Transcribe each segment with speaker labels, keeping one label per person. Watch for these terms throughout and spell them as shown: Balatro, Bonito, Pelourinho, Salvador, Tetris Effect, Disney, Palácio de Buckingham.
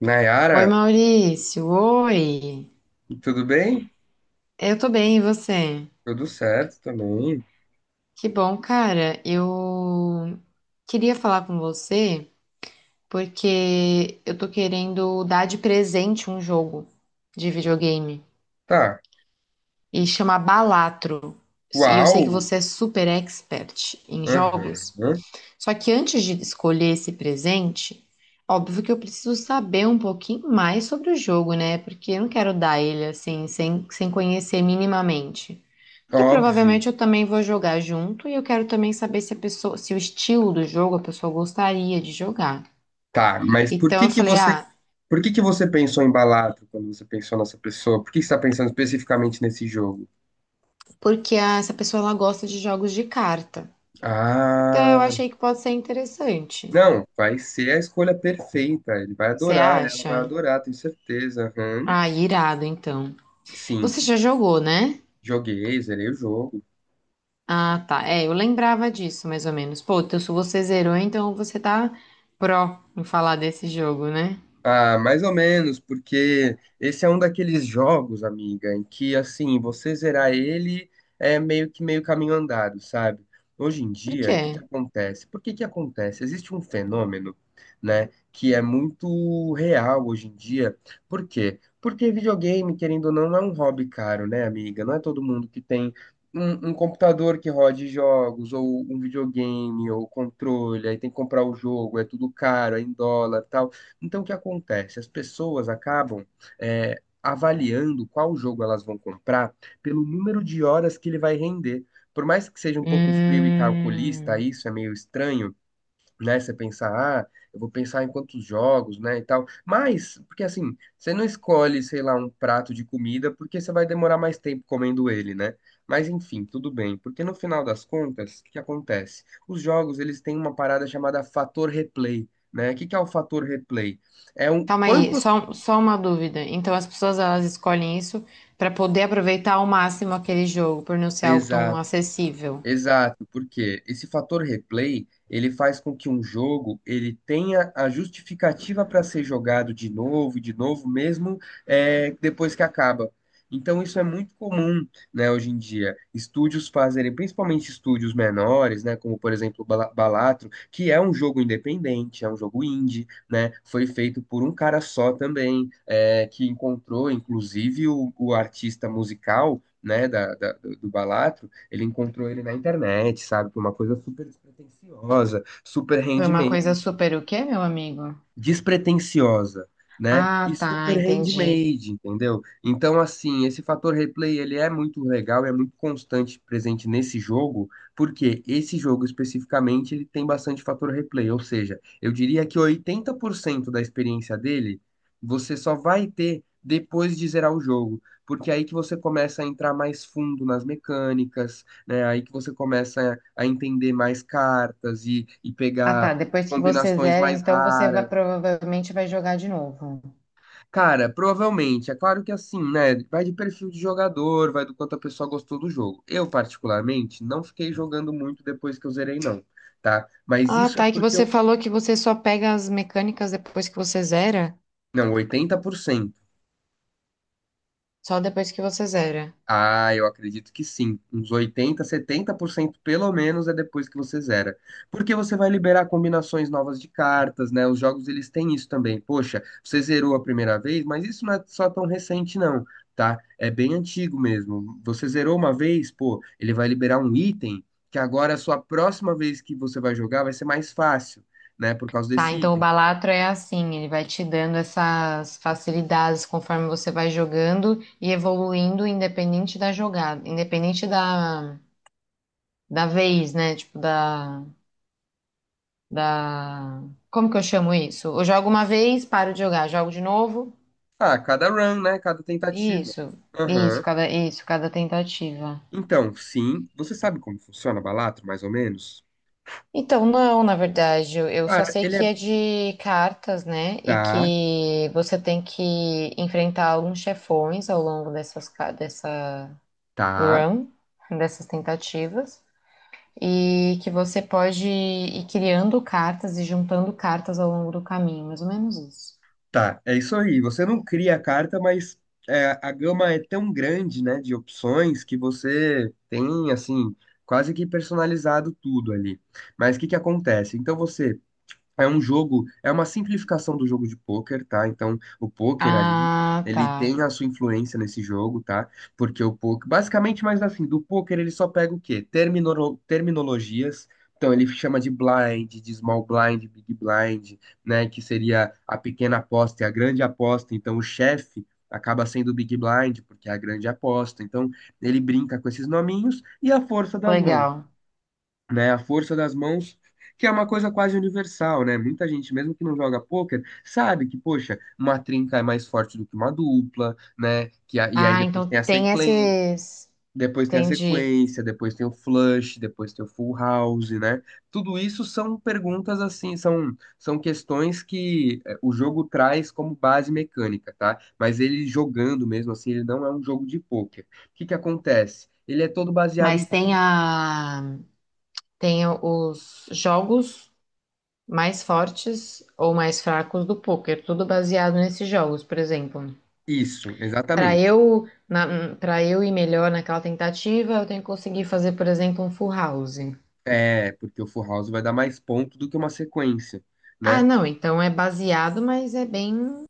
Speaker 1: Nayara,
Speaker 2: Oi, Maurício. Oi.
Speaker 1: tudo bem?
Speaker 2: Eu tô bem, e você?
Speaker 1: Tudo certo também.
Speaker 2: Que bom, cara. Eu queria falar com você porque eu tô querendo dar de presente um jogo de videogame
Speaker 1: Tá.
Speaker 2: e chama Balatro. E eu sei
Speaker 1: Uau!
Speaker 2: que você é super expert em
Speaker 1: Aham.
Speaker 2: jogos. Só que antes de escolher esse presente, óbvio que eu preciso saber um pouquinho mais sobre o jogo, né? Porque eu não quero dar ele assim, sem conhecer minimamente. Que
Speaker 1: Óbvio.
Speaker 2: provavelmente eu também vou jogar junto e eu quero também saber se a pessoa, se o estilo do jogo a pessoa gostaria de jogar.
Speaker 1: Tá, mas
Speaker 2: Então eu falei, ah,
Speaker 1: por que que você pensou em Balatro quando você pensou nessa pessoa? Por que você está pensando especificamente nesse jogo?
Speaker 2: essa pessoa ela gosta de jogos de carta. Então eu
Speaker 1: Ah,
Speaker 2: achei que pode ser interessante.
Speaker 1: não, vai ser a escolha perfeita. Ele vai
Speaker 2: Você
Speaker 1: adorar, ela vai
Speaker 2: acha?
Speaker 1: adorar, tenho certeza. Aham.
Speaker 2: Ah, irado então. Você
Speaker 1: Sim,
Speaker 2: já jogou, né?
Speaker 1: joguei, zerei o jogo.
Speaker 2: Ah, tá. É, eu lembrava disso mais ou menos. Pô, então se você zerou, então você tá pró em falar desse jogo, né?
Speaker 1: Ah, mais ou menos, porque esse é um daqueles jogos, amiga, em que assim, você zerar ele é meio que meio caminho andado, sabe? Hoje em
Speaker 2: Por
Speaker 1: dia, o
Speaker 2: quê?
Speaker 1: que que acontece? Por que que acontece? Existe um fenômeno, né, que é muito real hoje em dia. Por quê? Porque videogame, querendo ou não, não é um hobby caro, né, amiga? Não é todo mundo que tem um computador que rode jogos, ou um videogame, ou controle, aí tem que comprar o jogo, é tudo caro, é em dólar, tal. Então, o que acontece? As pessoas acabam é, avaliando qual jogo elas vão comprar pelo número de horas que ele vai render. Por mais que seja um pouco frio e calculista,
Speaker 2: Hum.
Speaker 1: isso é meio estranho, né? Você pensar, ah, eu vou pensar em quantos jogos, né, e tal. Mas, porque assim, você não escolhe, sei lá, um prato de comida porque você vai demorar mais tempo comendo ele, né? Mas enfim, tudo bem, porque no final das contas, o que que acontece? Os jogos, eles têm uma parada chamada fator replay, né? O que que é o fator replay? É um
Speaker 2: Calma aí,
Speaker 1: quanto.
Speaker 2: só uma dúvida. Então as pessoas elas escolhem isso para poder aproveitar ao máximo aquele jogo, por não ser algo tão
Speaker 1: Exato.
Speaker 2: acessível.
Speaker 1: Exato, porque esse fator replay, ele faz com que um jogo ele tenha a justificativa para ser jogado de novo e de novo, mesmo depois que acaba. Então isso é muito comum, né, hoje em dia. Estúdios fazerem, principalmente estúdios menores, né, como por exemplo o Balatro, que é um jogo independente, é um jogo indie, né, foi feito por um cara só também, é, que encontrou inclusive o artista musical, né, do Balatro, ele encontrou ele na internet, sabe? Foi uma coisa super despretensiosa, super
Speaker 2: Foi uma coisa
Speaker 1: handmade,
Speaker 2: super o quê, meu amigo?
Speaker 1: despretensiosa, né? E
Speaker 2: Ah, tá,
Speaker 1: super
Speaker 2: entendi.
Speaker 1: handmade, entendeu? Então, assim, esse fator replay, ele é muito legal, é muito constante presente nesse jogo, porque esse jogo especificamente, ele tem bastante fator replay, ou seja, eu diria que 80% da experiência dele, você só vai ter depois de zerar o jogo. Porque é aí que você começa a entrar mais fundo nas mecânicas, né? É aí que você começa a entender mais cartas e
Speaker 2: Ah, tá,
Speaker 1: pegar
Speaker 2: depois que você
Speaker 1: combinações
Speaker 2: zera,
Speaker 1: mais
Speaker 2: então
Speaker 1: raras.
Speaker 2: provavelmente vai jogar de novo.
Speaker 1: Cara, provavelmente. É claro que assim, né? Vai de perfil de jogador, vai do quanto a pessoa gostou do jogo. Eu, particularmente, não fiquei jogando muito depois que eu zerei, não, tá? Mas
Speaker 2: Ah,
Speaker 1: isso é
Speaker 2: tá, e que
Speaker 1: porque
Speaker 2: você
Speaker 1: eu.
Speaker 2: falou que você só pega as mecânicas depois que você zera?
Speaker 1: Não, 80%.
Speaker 2: Só depois que você zera.
Speaker 1: Ah, eu acredito que sim. Uns oitenta, setenta por cento pelo menos é depois que você zera. Porque você vai liberar combinações novas de cartas, né? Os jogos eles têm isso também. Poxa, você zerou a primeira vez, mas isso não é só tão recente não, tá? É bem antigo mesmo. Você zerou uma vez, pô, ele vai liberar um item que agora a sua próxima vez que você vai jogar vai ser mais fácil, né? Por causa
Speaker 2: Tá,
Speaker 1: desse
Speaker 2: então o
Speaker 1: item.
Speaker 2: Balatro é assim, ele vai te dando essas facilidades conforme você vai jogando e evoluindo independente da jogada, independente da vez, né? Tipo, da... Como que eu chamo isso? Eu jogo uma vez, paro de jogar, jogo de novo,
Speaker 1: Ah, cada run, né? Cada tentativa.
Speaker 2: isso,
Speaker 1: Aham.
Speaker 2: isso, cada tentativa.
Speaker 1: Então, sim, você sabe como funciona Balatro, mais ou menos?
Speaker 2: Então, não, na verdade, eu só
Speaker 1: Cara,
Speaker 2: sei
Speaker 1: ele
Speaker 2: que
Speaker 1: é.
Speaker 2: é de cartas, né? E
Speaker 1: Tá,
Speaker 2: que você tem que enfrentar alguns chefões ao longo dessa
Speaker 1: tá,
Speaker 2: run, dessas tentativas, e que você pode ir criando cartas e juntando cartas ao longo do caminho, mais ou menos isso.
Speaker 1: tá. É isso aí. Você não cria a carta, mas é, a gama é tão grande, né, de opções que você tem, assim, quase que personalizado tudo ali. Mas o que que acontece? Então você. É um jogo, é uma simplificação do jogo de pôquer, tá? Então, o pôquer ali,
Speaker 2: Ah,
Speaker 1: ele
Speaker 2: tá.
Speaker 1: tem a sua influência nesse jogo, tá? Porque o pôquer, basicamente, mas assim, do pôquer ele só pega o quê? Terminologias. Então, ele chama de blind, de small blind, big blind, né? Que seria a pequena aposta e a grande aposta. Então, o chefe acaba sendo o big blind, porque é a grande aposta. Então, ele brinca com esses nominhos e a força das mãos,
Speaker 2: Legal.
Speaker 1: né? A força das mãos, que é uma coisa quase universal, né? Muita gente, mesmo que não joga pôquer, sabe que, poxa, uma trinca é mais forte do que uma dupla, né? E aí
Speaker 2: Ah,
Speaker 1: depois
Speaker 2: então
Speaker 1: tem a
Speaker 2: tem
Speaker 1: sequen,
Speaker 2: esses.
Speaker 1: depois tem a
Speaker 2: Entendi.
Speaker 1: sequência, depois tem o flush, depois tem o full house, né? Tudo isso são perguntas assim, são, são questões que eh, o jogo traz como base mecânica, tá? Mas ele jogando mesmo assim, ele não é um jogo de pôquer. O que que acontece? Ele é todo baseado em
Speaker 2: Mas tem a. Tem os jogos mais fortes ou mais fracos do poker, tudo baseado nesses jogos, por exemplo.
Speaker 1: isso, exatamente.
Speaker 2: Para eu ir melhor naquela tentativa, eu tenho que conseguir fazer, por exemplo, um full house.
Speaker 1: É, porque o Full House vai dar mais ponto do que uma sequência,
Speaker 2: Ah,
Speaker 1: né?
Speaker 2: não, então é baseado, mas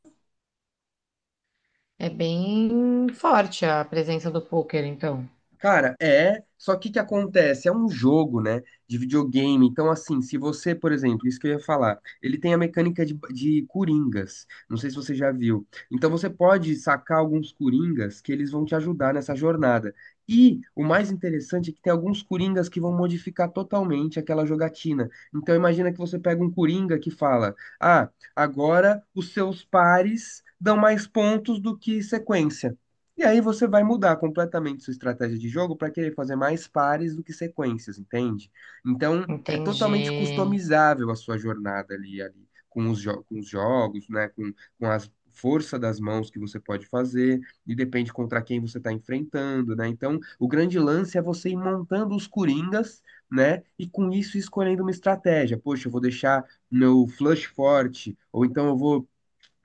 Speaker 2: é bem forte a presença do poker, então.
Speaker 1: Cara, é. Só que o que acontece? É um jogo, né? De videogame. Então, assim, se você, por exemplo, isso que eu ia falar, ele tem a mecânica de coringas. Não sei se você já viu. Então, você pode sacar alguns coringas que eles vão te ajudar nessa jornada. E o mais interessante é que tem alguns coringas que vão modificar totalmente aquela jogatina. Então, imagina que você pega um coringa que fala: Ah, agora os seus pares dão mais pontos do que sequência. E aí você vai mudar completamente sua estratégia de jogo para querer fazer mais pares do que sequências, entende? Então, é
Speaker 2: Entendi,
Speaker 1: totalmente customizável a sua jornada ali, ali com os, com os jogos, né? Com a força das mãos que você pode fazer, e depende contra quem você está enfrentando, né? Então, o grande lance é você ir montando os coringas, né? E com isso escolhendo uma estratégia. Poxa, eu vou deixar meu flush forte, ou então eu vou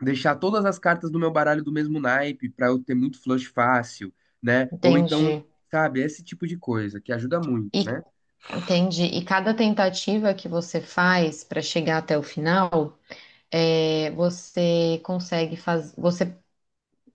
Speaker 1: deixar todas as cartas do meu baralho do mesmo naipe para eu ter muito flush fácil, né? Ou então,
Speaker 2: entendi.
Speaker 1: sabe, esse tipo de coisa que ajuda muito,
Speaker 2: E
Speaker 1: né?
Speaker 2: entendi. E cada tentativa que você faz para chegar até o final, é, você consegue fazer, você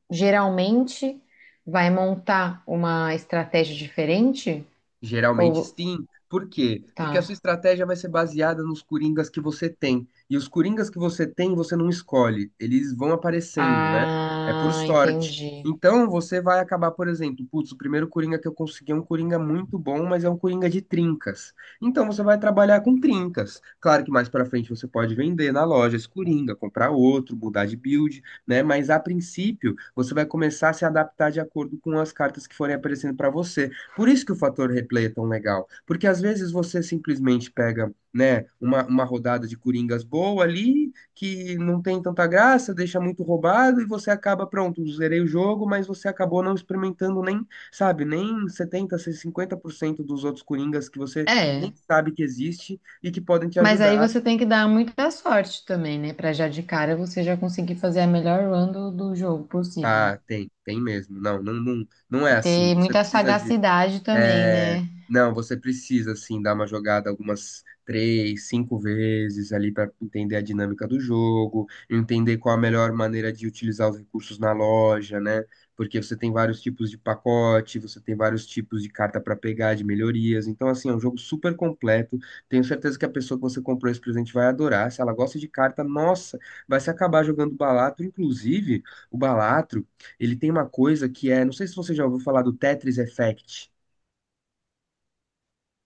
Speaker 2: geralmente vai montar uma estratégia diferente?
Speaker 1: Geralmente
Speaker 2: Ou
Speaker 1: sim. Por quê? Porque a sua
Speaker 2: tá.
Speaker 1: estratégia vai ser baseada nos coringas que você tem. E os coringas que você tem, você não escolhe. Eles vão aparecendo, né? É por
Speaker 2: Ah,
Speaker 1: sorte.
Speaker 2: entendi.
Speaker 1: Então você vai acabar, por exemplo, putz, o primeiro coringa que eu consegui é um coringa muito bom, mas é um coringa de trincas. Então você vai trabalhar com trincas. Claro que mais pra frente você pode vender na loja esse coringa, comprar outro, mudar de build, né? Mas a princípio, você vai começar a se adaptar de acordo com as cartas que forem aparecendo pra você. Por isso que o fator replay é tão legal, porque às vezes você simplesmente pega, né, uma rodada de coringas boa ali, que não tem tanta graça, deixa muito roubado e você acaba, pronto, zerei o jogo, mas você acabou não experimentando nem, sabe, nem setenta, cinquenta por cento dos outros coringas que você nem
Speaker 2: É.
Speaker 1: sabe que existe e que podem te
Speaker 2: Mas aí
Speaker 1: ajudar.
Speaker 2: você tem que dar muita sorte também, né? Pra já de cara você já conseguir fazer a melhor run do jogo possível.
Speaker 1: Ah, tem, tem mesmo. Não, não, não, não é
Speaker 2: E
Speaker 1: assim.
Speaker 2: ter
Speaker 1: Você
Speaker 2: muita
Speaker 1: precisa de.
Speaker 2: sagacidade também,
Speaker 1: É,
Speaker 2: né?
Speaker 1: não, você precisa, assim, dar uma jogada algumas três, cinco vezes ali para entender a dinâmica do jogo, entender qual a melhor maneira de utilizar os recursos na loja, né? Porque você tem vários tipos de pacote, você tem vários tipos de carta para pegar, de melhorias. Então, assim, é um jogo super completo. Tenho certeza que a pessoa que você comprou esse presente vai adorar. Se ela gosta de carta, nossa, vai se acabar jogando Balatro. Inclusive, o Balatro, ele tem uma coisa que é, não sei se você já ouviu falar do Tetris Effect.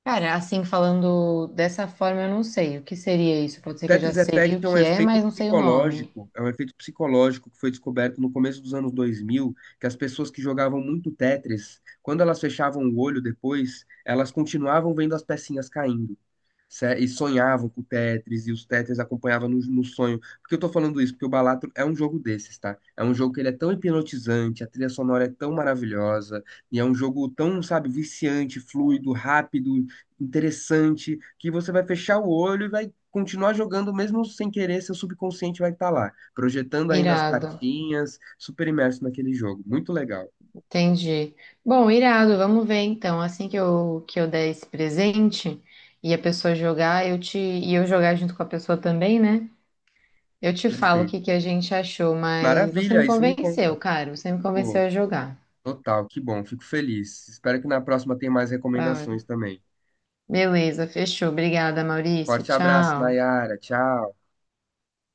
Speaker 2: Cara, assim, falando dessa forma, eu não sei o que seria isso. Pode
Speaker 1: O
Speaker 2: ser que eu já
Speaker 1: Tetris
Speaker 2: sei
Speaker 1: Effect
Speaker 2: o
Speaker 1: é um
Speaker 2: que é,
Speaker 1: efeito
Speaker 2: mas não sei o nome.
Speaker 1: psicológico, é um efeito psicológico que foi descoberto no começo dos anos 2000, que as pessoas que jogavam muito Tetris, quando elas fechavam o olho depois, elas continuavam vendo as pecinhas caindo. E sonhavam com o Tetris, e os Tetris acompanhavam no sonho. Por que eu tô falando isso? Porque o Balatro é um jogo desses, tá? É um jogo que ele é tão hipnotizante, a trilha sonora é tão maravilhosa, e é um jogo tão, sabe, viciante, fluido, rápido, interessante, que você vai fechar o olho e vai continuar jogando, mesmo sem querer, seu subconsciente vai estar lá, projetando ainda as
Speaker 2: Irado,
Speaker 1: cartinhas, super imerso naquele jogo. Muito legal.
Speaker 2: entendi. Bom, irado, vamos ver então. Assim que eu der esse presente e a pessoa jogar, e eu jogar junto com a pessoa também, né? Eu te falo o
Speaker 1: Perfeito.
Speaker 2: que que a gente achou, mas você
Speaker 1: Maravilha,
Speaker 2: me
Speaker 1: aí você me
Speaker 2: convenceu,
Speaker 1: conta.
Speaker 2: cara. Você me convenceu
Speaker 1: Pô,
Speaker 2: a jogar.
Speaker 1: total, que bom, fico feliz. Espero que na próxima tenha mais
Speaker 2: Da hora.
Speaker 1: recomendações também.
Speaker 2: Beleza, fechou. Obrigada, Maurício.
Speaker 1: Forte abraço,
Speaker 2: Tchau.
Speaker 1: Nayara. Tchau.